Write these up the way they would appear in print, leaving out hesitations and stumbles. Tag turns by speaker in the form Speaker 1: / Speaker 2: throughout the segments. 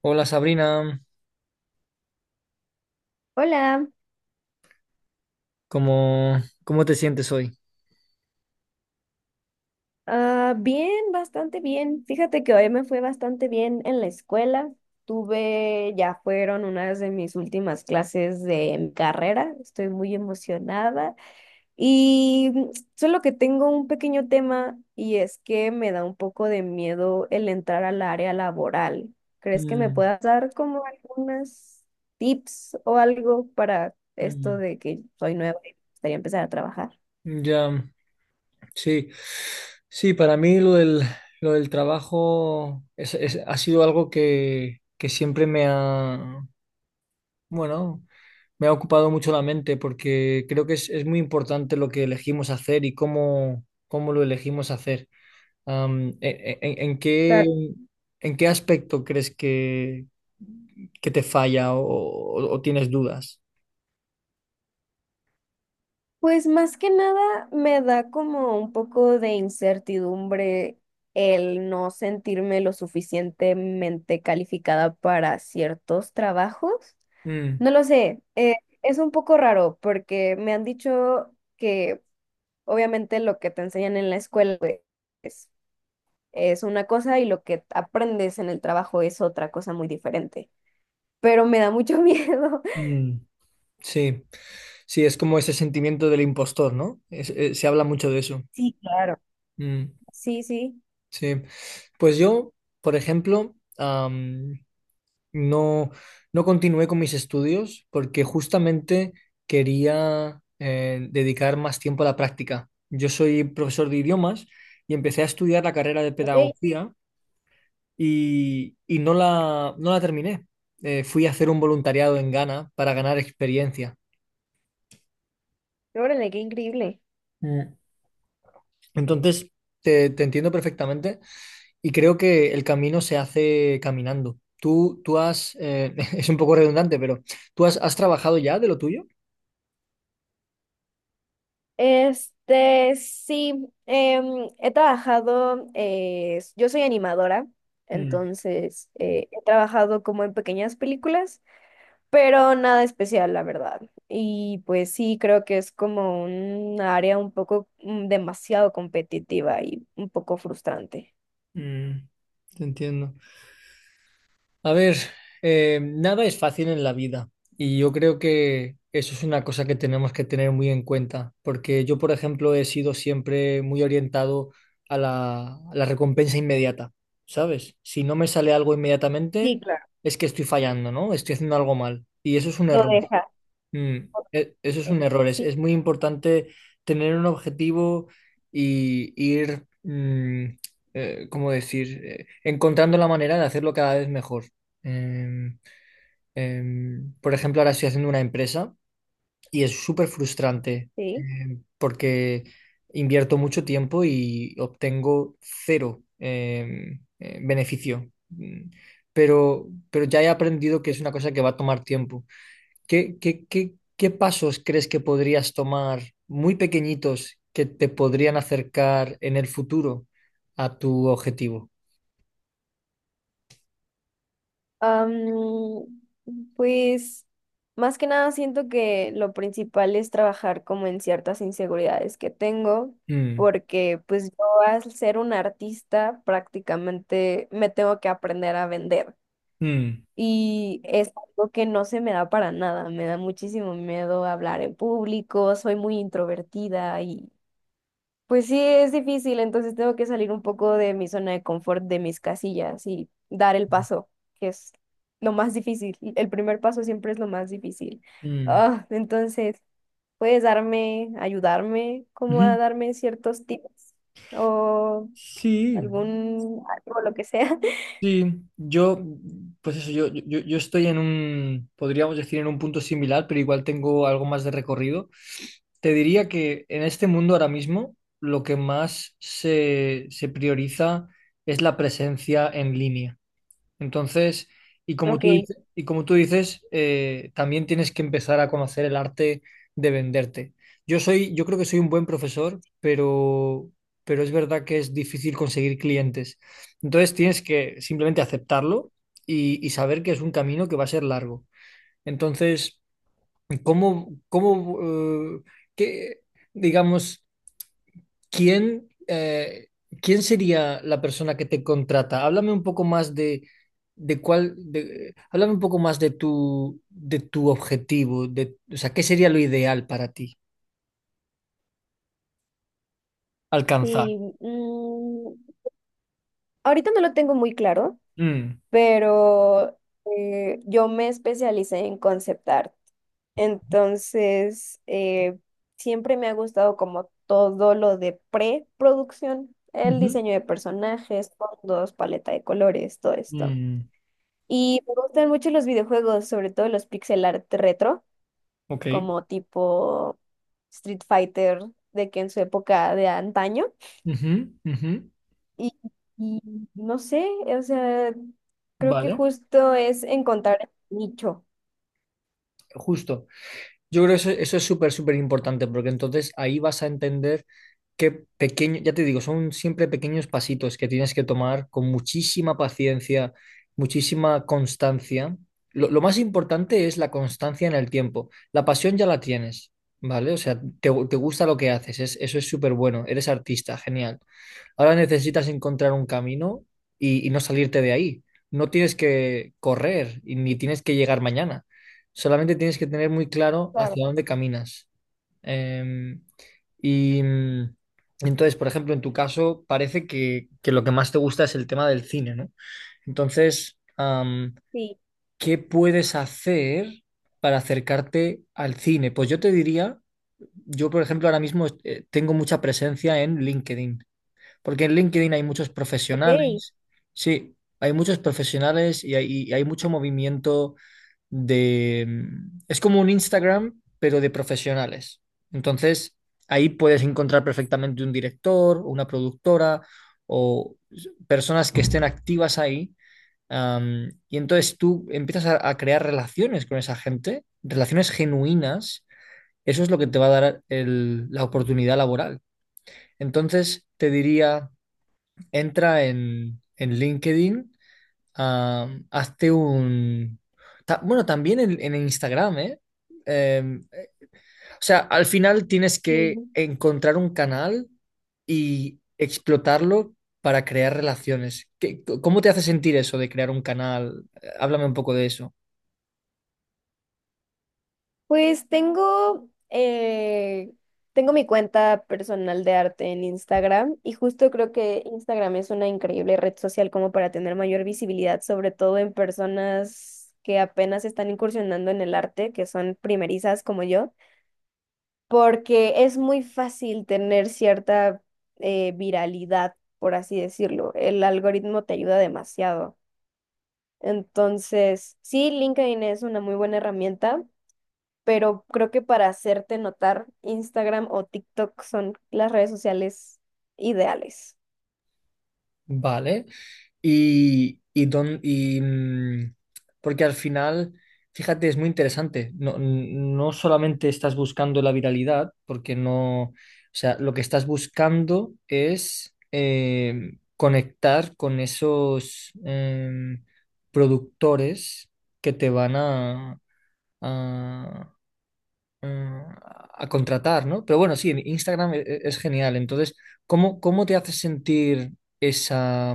Speaker 1: Hola Sabrina,
Speaker 2: Hola.
Speaker 1: ¿cómo, cómo te sientes hoy?
Speaker 2: Bien, bastante bien. Fíjate que hoy me fue bastante bien en la escuela. Tuve, ya fueron unas de mis últimas clases de mi carrera. Estoy muy emocionada y solo que tengo un pequeño tema y es que me da un poco de miedo el entrar al área laboral. ¿Crees que me
Speaker 1: Mm,
Speaker 2: puedas dar como algunas tips o algo para esto
Speaker 1: mm,
Speaker 2: de que soy nueva y me gustaría empezar a trabajar?
Speaker 1: ya, sí, sí, para mí lo del trabajo ha sido algo que siempre me ha, bueno, me ha ocupado mucho la mente porque creo que es muy importante lo que elegimos hacer y cómo, cómo lo elegimos hacer. Am, e- e- en qué, ¿en qué aspecto crees que te falla o o tienes dudas?
Speaker 2: Pues más que nada me da como un poco de incertidumbre el no sentirme lo suficientemente calificada para ciertos trabajos.
Speaker 1: Mm,
Speaker 2: No lo sé, es un poco raro porque me han dicho que obviamente lo que te enseñan en la escuela pues, es es una cosa y lo que aprendes en el trabajo es otra cosa muy diferente. Pero me da mucho miedo.
Speaker 1: mm, sí, sí, es como ese sentimiento del impostor, ¿no? Se habla mucho de eso.
Speaker 2: Sí, claro.
Speaker 1: Mm,
Speaker 2: Sí, sí.
Speaker 1: sí. Pues yo, por ejemplo, no, no continué con mis estudios porque justamente quería dedicar más tiempo a la práctica. Yo soy profesor de idiomas y empecé a estudiar la carrera de
Speaker 2: Ok.
Speaker 1: pedagogía y no la terminé. Fui a hacer un voluntariado en Ghana para ganar experiencia.
Speaker 2: Órale, qué increíble.
Speaker 1: Mm. Entonces, te entiendo perfectamente y creo que el camino se hace caminando. Tú has, es un poco redundante, pero ¿tú has, has trabajado ya de lo tuyo?
Speaker 2: Este, sí, he trabajado, yo soy animadora,
Speaker 1: Mm,
Speaker 2: entonces he trabajado como en pequeñas películas, pero nada especial, la verdad. Y pues sí, creo que es como un área un poco demasiado competitiva y un poco frustrante.
Speaker 1: mm, te entiendo. A ver, nada es fácil en la vida y yo creo que eso es una cosa que tenemos que tener muy en cuenta, porque yo, por ejemplo, he sido siempre muy orientado a la recompensa inmediata, ¿sabes? Si no me sale algo inmediatamente,
Speaker 2: Sí, claro.
Speaker 1: es que estoy fallando, ¿no? Estoy haciendo algo mal y eso es un
Speaker 2: Lo
Speaker 1: error.
Speaker 2: deja.
Speaker 1: Mm, eso es
Speaker 2: ¿No?
Speaker 1: un error.
Speaker 2: Sí,
Speaker 1: Es muy importante tener un objetivo y ir, ¿cómo decir? Encontrando la manera de hacerlo cada vez mejor. Em, por ejemplo, ahora estoy haciendo una empresa y es súper frustrante,
Speaker 2: sí.
Speaker 1: porque invierto mucho tiempo y obtengo cero, beneficio. Mm, pero ya he aprendido que es una cosa que va a tomar tiempo. ¿ qué pasos crees que podrías tomar muy pequeñitos que te podrían acercar en el futuro a tu objetivo?
Speaker 2: Am, pues más que nada siento que lo principal es trabajar como en ciertas inseguridades que tengo,
Speaker 1: Mm,
Speaker 2: porque pues yo al ser un artista prácticamente me tengo que aprender a vender
Speaker 1: mm,
Speaker 2: y es algo que no se me da para nada, me da muchísimo miedo hablar en público, soy muy introvertida, pues sí, es difícil, entonces tengo que salir un poco de mi zona de confort, de mis casillas y dar el paso, que es lo más difícil. El primer paso siempre es lo más difícil.
Speaker 1: mm.
Speaker 2: Ah, entonces, ¿puedes darme, ayudarme, como a
Speaker 1: Ujú.
Speaker 2: darme ciertos tips o
Speaker 1: Sí,
Speaker 2: algún algo, lo que sea?
Speaker 1: sí, yo, pues eso, yo estoy en un, podríamos decir, en un punto similar, pero igual tengo algo más de recorrido. Te diría que en este mundo ahora mismo lo que más se, se prioriza es la presencia en línea. Entonces, y como
Speaker 2: Ok,
Speaker 1: tú dices, y como tú dices, también tienes que empezar a conocer el arte de venderte. Yo soy, yo creo que soy un buen profesor, pero es verdad que es difícil conseguir clientes. Entonces tienes que simplemente aceptarlo y saber que es un camino que va a ser largo. Entonces, ¿cómo, cómo, eh, qué, digamos? ¿Quién, quién sería la persona que te contrata? Háblame un poco más de cuál, háblame un poco más de tu objetivo, de, o sea, ¿qué sería lo ideal para ti alcanzar?
Speaker 2: y mm, ahorita no lo tengo muy claro,
Speaker 1: Mm.
Speaker 2: pero yo me especialicé en concept art. Entonces, siempre me ha gustado como todo lo de preproducción, el
Speaker 1: Ujú.
Speaker 2: diseño de personajes, fondos, paleta de colores, todo esto.
Speaker 1: Mm.
Speaker 2: Y me gustan mucho los videojuegos, sobre todo los pixel art retro,
Speaker 1: Ok.
Speaker 2: como tipo Street Fighter, de que en su época de antaño.
Speaker 1: Ujú, ujú.
Speaker 2: Y, y no sé, o sea, creo que
Speaker 1: Vale,
Speaker 2: justo es encontrar el nicho.
Speaker 1: justo. Yo creo que eso es súper, súper importante, porque entonces ahí vas a entender que pequeño, ya te digo, son siempre pequeños pasitos que tienes que tomar con muchísima paciencia, muchísima constancia. Lo más importante es la constancia en el tiempo. La pasión ya la tienes, ¿vale? O sea, te gusta lo que haces, eso es súper bueno, eres artista, genial. Ahora necesitas encontrar un camino y no salirte de ahí. No tienes que correr y ni tienes que llegar mañana. Solamente tienes que tener muy claro
Speaker 2: Claro.
Speaker 1: hacia dónde caminas. Em, y mm, entonces, por ejemplo, en tu caso, parece que lo que más te gusta es el tema del cine, ¿no? Entonces,
Speaker 2: Sí,
Speaker 1: ¿qué puedes hacer para acercarte al cine? Pues yo te diría, yo, por ejemplo, ahora mismo tengo mucha presencia en LinkedIn, porque en LinkedIn hay muchos
Speaker 2: ok.
Speaker 1: profesionales, sí, hay muchos profesionales y hay mucho movimiento de... Es como un Instagram, pero de profesionales. Entonces, ahí puedes encontrar perfectamente un director, una productora o personas que estén activas ahí. Y entonces tú empiezas a crear relaciones con esa gente, relaciones genuinas. Eso es lo que te va a dar la oportunidad laboral. Entonces, te diría, entra en LinkedIn. Hazte un... bueno, también en Instagram, ¿eh? Em, o sea, al final tienes que
Speaker 2: Sí.
Speaker 1: encontrar un canal y explotarlo para crear relaciones. ¿Qué- cómo te hace sentir eso de crear un canal? Háblame un poco de eso.
Speaker 2: Pues tengo, tengo mi cuenta personal de arte en Instagram y justo creo que Instagram es una increíble red social como para tener mayor visibilidad, sobre todo en personas que apenas están incursionando en el arte, que son primerizas como yo, porque es muy fácil tener cierta viralidad, por así decirlo. El algoritmo te ayuda demasiado. Entonces, sí, LinkedIn es una muy buena herramienta, pero creo que para hacerte notar, Instagram o TikTok son las redes sociales ideales.
Speaker 1: Vale. Y, porque al final, fíjate, es muy interesante. No, no solamente estás buscando la viralidad, porque no, o sea, lo que estás buscando es conectar con esos productores que te van a, a- a contratar, ¿no? Pero bueno, sí, en Instagram es genial. Entonces, ¿cómo, cómo te hace sentir esa,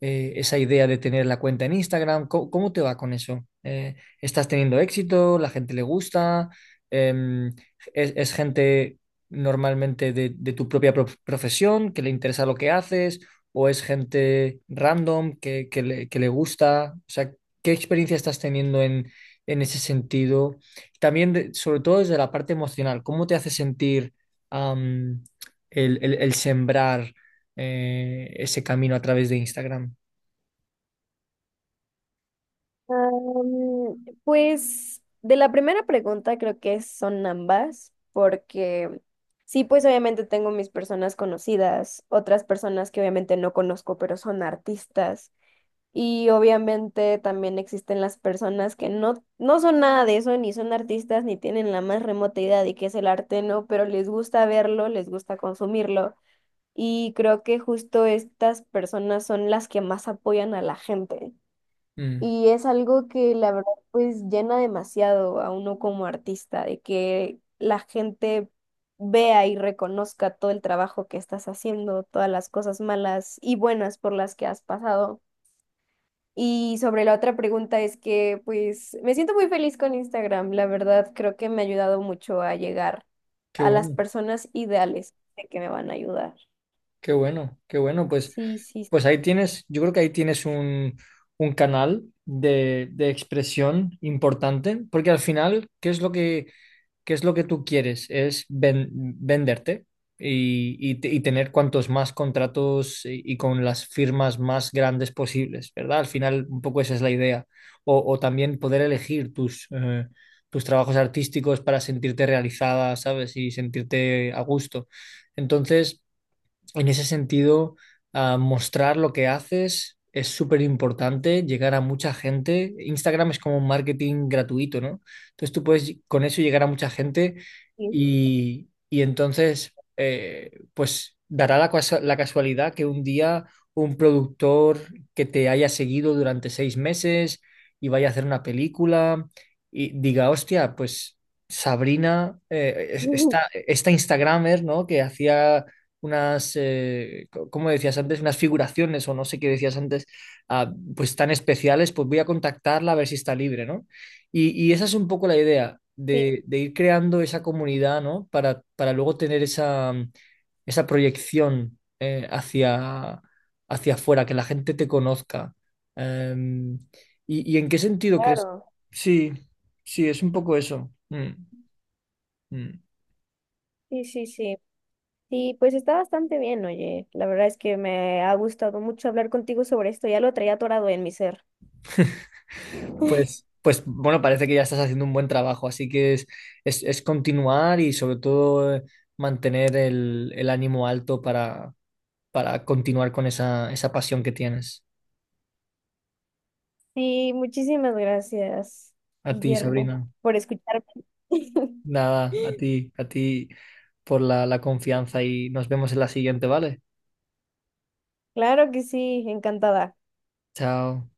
Speaker 1: esa idea de tener la cuenta en Instagram? ¿Cómo, cómo te va con eso? ¿Estás teniendo éxito? ¿La gente le gusta? Em, es gente normalmente de tu propia profesión que le interesa lo que haces? ¿O es gente random que le gusta? O sea, ¿qué experiencia estás teniendo en ese sentido? También, sobre todo desde la parte emocional, ¿cómo te hace sentir am, el sembrar ese camino a través de Instagram?
Speaker 2: Pues de la primera pregunta creo que son ambas, porque sí, pues obviamente tengo mis personas conocidas, otras personas que obviamente no conozco, pero son artistas. Y obviamente también existen las personas que no son nada de eso, ni son artistas, ni tienen la más remota idea de qué es el arte, ¿no? Pero les gusta verlo, les gusta consumirlo. Y creo que justo estas personas son las que más apoyan a la gente.
Speaker 1: Mm,
Speaker 2: Y es algo que la verdad pues llena demasiado a uno como artista, de que la gente vea y reconozca todo el trabajo que estás haciendo, todas las cosas malas y buenas por las que has pasado. Y sobre la otra pregunta es que pues me siento muy feliz con Instagram, la verdad creo que me ha ayudado mucho a llegar
Speaker 1: qué
Speaker 2: a las
Speaker 1: bueno.
Speaker 2: personas ideales de que me van a ayudar.
Speaker 1: Qué bueno, qué bueno. Pues,
Speaker 2: Sí, sí,
Speaker 1: pues ahí tienes, yo creo que ahí tienes un canal de expresión importante, porque al final, ¿qué es lo que, qué es lo que tú quieres? Es venderte y, y tener cuantos más contratos y con las firmas más grandes posibles, ¿verdad? Al final, un poco esa es la idea. O también poder elegir tus, tus trabajos artísticos para sentirte realizada, ¿sabes? Y sentirte a gusto. Entonces... En ese sentido, ah, mostrar lo que haces es súper importante, llegar a mucha gente. Instagram es como un marketing gratuito, ¿no? Entonces tú puedes con eso llegar a mucha gente
Speaker 2: sí.
Speaker 1: y entonces, pues dará la, la casualidad que un día un productor que te haya seguido durante 6 meses y vaya a hacer una película y diga, hostia, pues Sabrina,
Speaker 2: Ujú.
Speaker 1: esta, esta Instagramer, ¿no? Que hacía unas, ¿cómo decías antes? Unas figuraciones o no sé qué decías antes, ah, pues tan especiales, pues voy a contactarla a ver si está libre, ¿no? Y esa es un poco la idea
Speaker 2: Sí,
Speaker 1: de ir creando esa comunidad, ¿no? Para luego tener esa, esa proyección hacia, hacia afuera, que la gente te conozca. Em, y en qué sentido crees?
Speaker 2: claro.
Speaker 1: Sí, sí, es un poco eso. Mm, mm.
Speaker 2: Sí, sí, sí. Sí, pues está bastante bien, oye. La verdad es que me ha gustado mucho hablar contigo sobre esto. Ya lo traía atorado en mi ser.
Speaker 1: Pues, pues bueno, parece que ya estás haciendo un buen trabajo, así que es continuar y sobre todo mantener el ánimo alto para continuar con esa, esa pasión que tienes.
Speaker 2: Sí, muchísimas gracias,
Speaker 1: A ti, Sabrina.
Speaker 2: Guillermo, por escucharme.
Speaker 1: Nada, a ti por la, la confianza y nos vemos en la siguiente, ¿vale?
Speaker 2: Claro que sí, encantada.
Speaker 1: Chao.